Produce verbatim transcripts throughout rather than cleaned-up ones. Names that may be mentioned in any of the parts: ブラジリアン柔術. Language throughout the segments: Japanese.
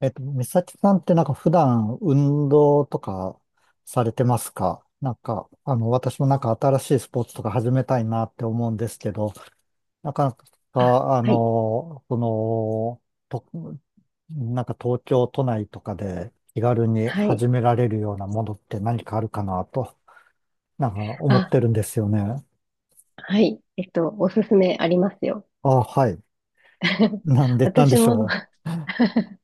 えっと、美咲さんってなんか普段運動とかされてますか？なんか、あの、私もなんか新しいスポーツとか始めたいなって思うんですけど、なかなあ、か、あはい、の、その、と、なんか東京都内とかで気軽にはい。始められるようなものって何かあるかなと、なんか思っあ、てるんですよね。はい。えっと、おすすめありますよ。あ、はい。なんで、なんで私しも ょ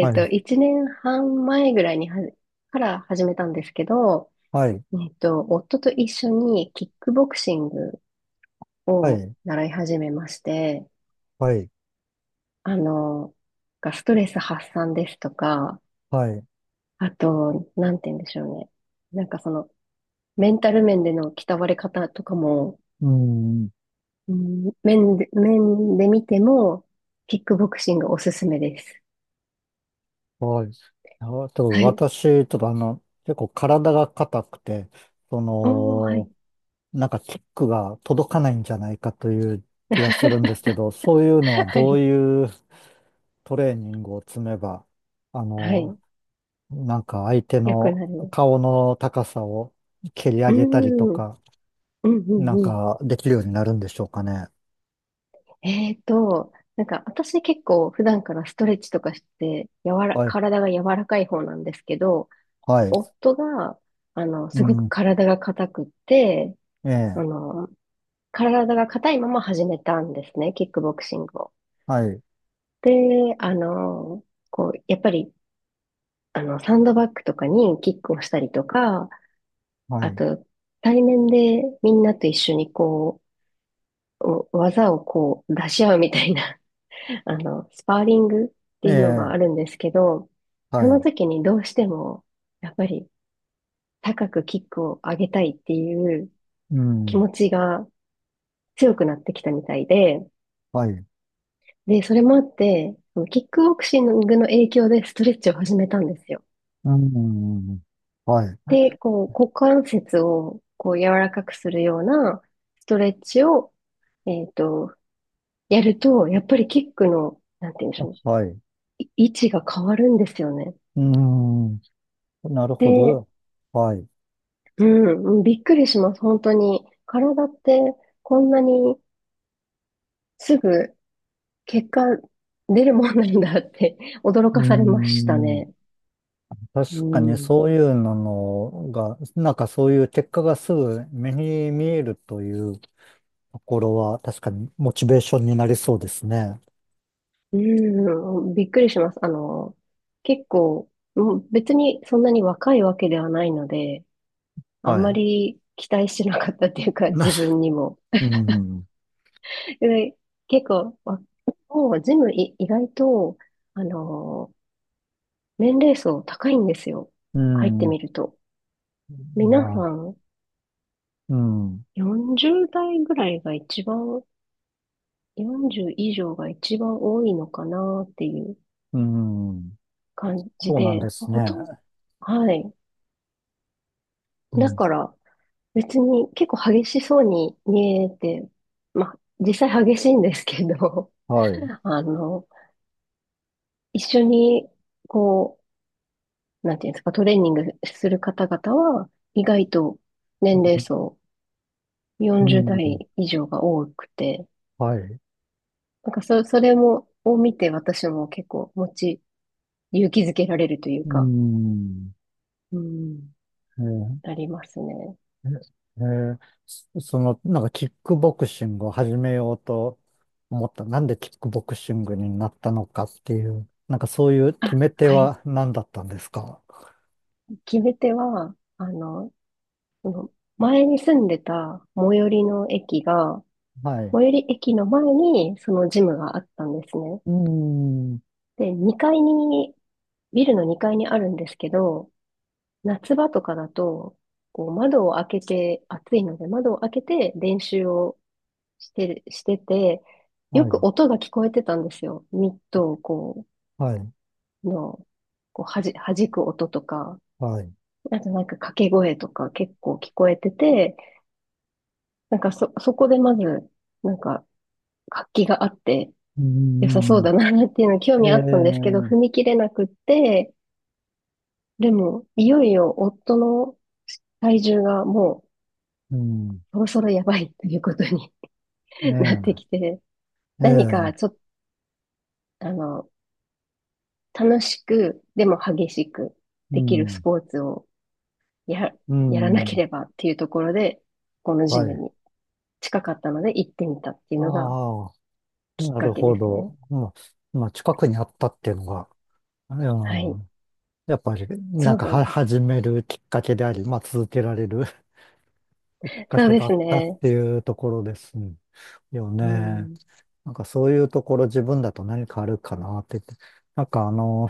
う。はっと、い。いちねんはん前ぐらいにはじ、から始めたんですけど、はい。えっと、夫と一緒にキックボクシングはをい。習い始めまして、はい。あの、がストレス発散ですとか、はい。あと、なんて言うんでしょうね。なんかその、メンタル面での鍛われ方とかも、うん。うん、面で、面で見ても、キックボクシングおすすめです。はい。あと、はい。私、ちょっとあの、結構体が硬くて、そおー、はの、い。なんかキックが届かないんじゃないかという気がするんですけ ど、そういうのははどうい。いうトレーニングを積めば、あはの、い。なんか相手よくのなる。顔の高さを蹴り上うげたりとん。うん、か、うん、なんうん。かできるようになるんでしょうかね。えーと、なんか私結構普段からストレッチとかして、柔ら、はい。体が柔らかい方なんですけど、はい。夫が、あの、うすごくん。体が硬くって、えあえ。の、体が硬いまま始めたんですね、キックボクシングを。はい。で、あの、こう、やっぱりあの、サンドバッグとかにキックをしたりとか、はあい。と、対面でみんなと一緒にこう、お技をこう出し合うみたいな、あの、スパーリングってえいうのがえ。あるんですけど、そはのい。時にどうしても、やっぱり高くキックを上げたいっていうう気ん。持ちが強くなってきたみたいで、はい。で、それもあって、そのキックボクシングの影響でストレッチを始めたんですよ。うん。はい。で、こう、股関節をこう柔らかくするようなストレッチを、えっと、やると、やっぱりキックの、なんて言うんでしあ、ょう、はい。うい位置が変わるんですよね。ん。なるほで、ど。はい。ううん、うんびっくりします、本当に。体ってこんなにすぐ結果出るもんなんだって 驚かされましたん。ね。う確かにん。そういうのが、なんかそういう結果がすぐ目に見えるというところは、確かにモチベーションになりそうですね。うん、びっくりします。あの、結構、うん別にそんなに若いわけではないので、あはまい。り期待してなかったっていう か、な、自分にも。うん。で、結構、わもうジムい意外と、あのー年齢層高いんですよ。う入ってん。みると。ま皆さあ、んうん。よんじゅう代ぐらいが一番、よんじゅう以上が一番多いのかなっていううん。感じそうなんで、ですね。ほとんど、はい。うだん。から別に結構激しそうに見えて、まあ実際激しいんですけど、はい。あの、一緒に、こう、なんていうんですか、トレーニングする方々は、意外と年齢層うよんじゅうん。代以上が多くて、はい。なんかそ、それも、を見て私も結構持ち、勇気づけられるといううか、ん。うん、えー、ありますね。ええー、そその、なんかキックボクシングを始めようと思った。なんでキックボクシングになったのかっていう、なんかそういう決あ、め手はい。は何だったんですか？決め手は、あの、その前に住んでた最寄りの駅が、はい。最寄り駅の前にそのジムがあったんですね。うーん。で、にかいに、ビルのにかいにあるんですけど、夏場とかだと、こう窓を開けて、暑いので窓を開けて練習をしてる、してて、よはい。く音が聞こえてたんですよ。ミットをこはい。う、の、こうはじ、弾く音とか、はい。うあとなんか掛け声とか結構聞こえてて、なんかそ、そこでまず、なんか活気があって良さそうーだなっていうの興ん。味あったんですけど、え踏みえ、切れなくって、でも、いよいよ夫の体重がもうう、ん。そろそろやばいということに なってえきえ、て、何えかちょえ、っと、あの、楽しく、でも激しくうできるスん。ポーツをや、うやらなけん。ればっていうところで、このジはムい。に近かったので行ってみたっていうのがああ、きっなかるけほですど。ね。まあ、まあ近くにあったっていうのが、うはい。ん、やっぱり、なそんうかそうは、です。始めるきっかけであり、まあ、続けられる きっかそうけでだすったっね。ていうところですようね。ん。なんか、そういうところ自分だと何かあるかなって言って。なんか、あの、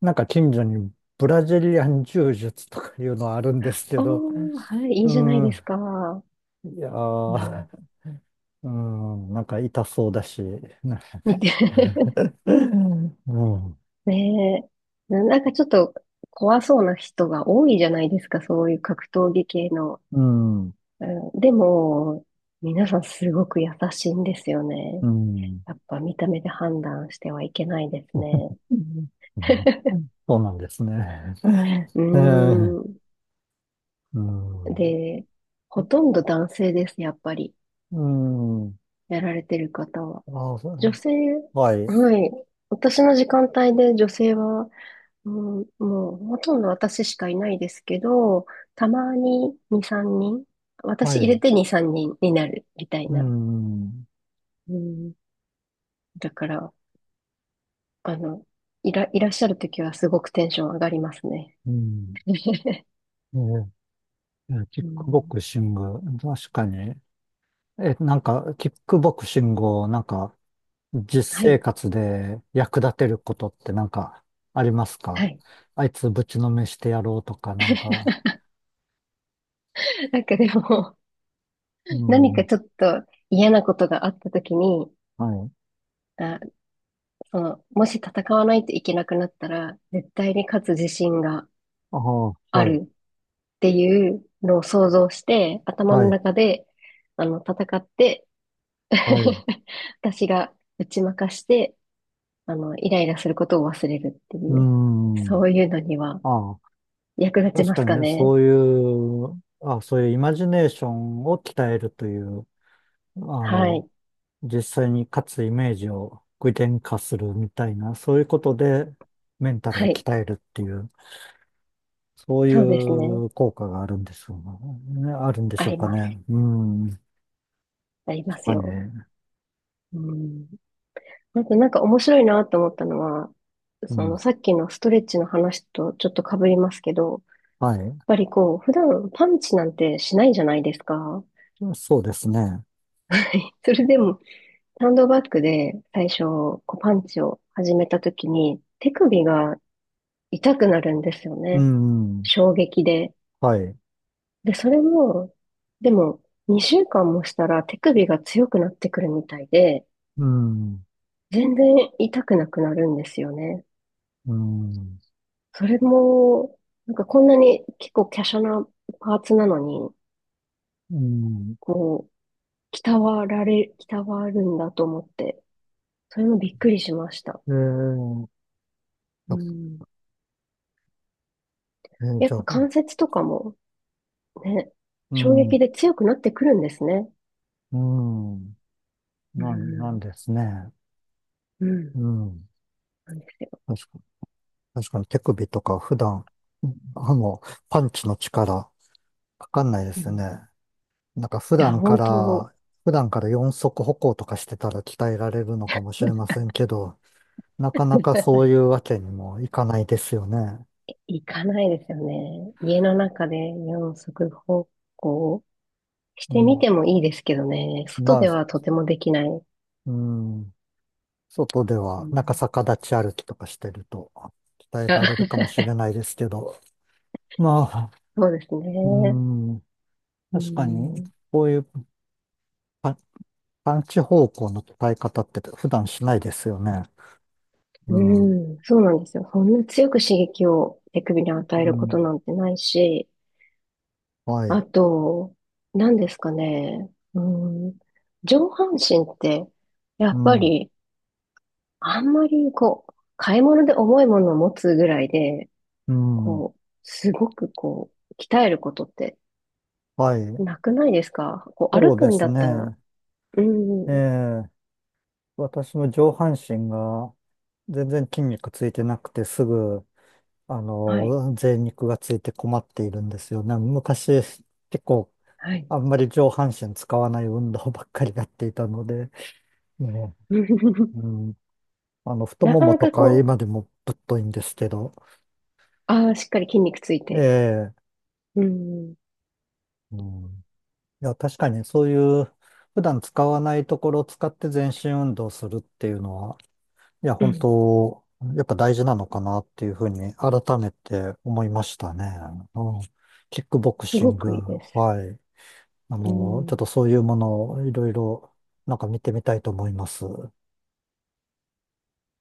なんか近所にブラジリアン柔術とかいうのはあるんですけど、おー、はい、いいうじゃないでん、すか。いやうー、ん。うん、なんか痛そうだし、な見て。うん、うん、ねえ。ななんかちょっと怖そうな人が多いじゃないですか、そういう格闘技系の。うん。うんでも、皆さんすごく優しいんですようね。ん、やっぱ見た目で判断してはいけないですね。そうなんですね。うええ、ーん。うん。で、ほとんど男性です、やっぱり。うん。やられてる方は。ああ、そ女う、性、はい。はい。私の時間帯で女性は、うん、もうほとんど私しかいないですけど、たまにに、さんにん、は私入れい。てに、さんにんにんになるみたいうな。ん。うん、だから、あの、いら、いらっしゃるときはすごくテンション上がりますね。うん。ええ、キッうクボん、クシング。確かに。え、なんか、キックボクシングを、なんか、実は生い、活で役立てることってなんか、ありますはか？い。あいつぶちのめしてやろうとか、なんか。なんかでも、う何かん。ちょっと嫌なことがあったときに、はい。あ、その、もし戦わないといけなくなったら、絶対に勝つ自信がああ、あはい。るっていうのを想像して、頭はのい。中で、あの、戦って、はい。私が打ち負かして、あの、イライラすることを忘れるってういう、ん。そういうのにはああ、役立ち確まかすにかね、ね。そういう、あ、そういうイマジネーションを鍛えるという、あはの、い。実際に勝つイメージを具現化するみたいな、そういうことでメンタルはをい。鍛えるっていう、そういそうですね。う効果があるんでしょうね。あるんであしょうりかます。ね。うん。ありま確すかによ。ね。うん。あとなんか面白いなと思ったのは、うそん。のさっきのストレッチの話とちょっと被りますけど、やっはい。ぱりこう、普段パンチなんてしないじゃないですか。そうですね。それでも、サンドバッグで最初、こうパンチを始めた時に、手首が痛くなるんですようね。ん。衝撃で。はい。で、それも、でも、にしゅうかんもしたら手首が強くなってくるみたいで、うん。全然痛くなくなるんですよね。うん。それも、なんかこんなに結構華奢なパーツなのに、うん。こう、鍛わられ、鍛わるんだと思って、それもびっくりしました。えー、うあん。えーやっじゃあ、ぱ関節とかもね、う衝撃ん。で強くなってくるんですね。うん。うなん、なんん。ですね。うん。うん。なんですよ。確かに、確かに手首とか普段、あの、パンチの力、かかんないでうすん。いね。なんか普や、段か本当、ら、普段から四足歩行とかしてたら鍛えられるのかもしれませんけど、なかなかそうい うわけにもいかないですよね。行かないですよね。家の中で四足歩行しうてん。みてもいいですけどね。外まあ、ではとてもできない。ううん。外では、なんかん、逆立ち歩きとかしてると、鍛えあ られるか もしれないですけど、まあ、そうですうね。ん。う確かに、ん、こういう、探知方向の伝え方って普段しないですよね。ううん。ん、そうなんですよ。そんな強く刺激を手首に与えうることん。なんてないし、はあい。と、何ですかね。うん、上半身って、やうっぱん。り、あんまり、こう、買い物で重いものを持つぐらいで、うん。こう、すごく、こう、鍛えることってはい。なくないですかこう、そ歩うくでんすだったら、ね。うえん、え、私も上半身が全然筋肉ついてなくてすぐ、あはい。の、贅肉がついて困っているんですよね。昔、結構、はい。あんまり上半身使わない運動ばっかりやっていたので、ね うん。あの、太なもかもなとかかこう、今でもぶっといんですけど、ああ、しっかり筋肉ついえて。え、うん。うんいや、確かにそういう普段使わないところを使って全身運動するっていうのは、いや、う本ん。当、やっぱ大事なのかなっていうふうに改めて思いましたね。うん、キックボクすシごング、くいいです。はい。あうの、ちょっん。とそういうものをいろいろなんか見てみたいと思います。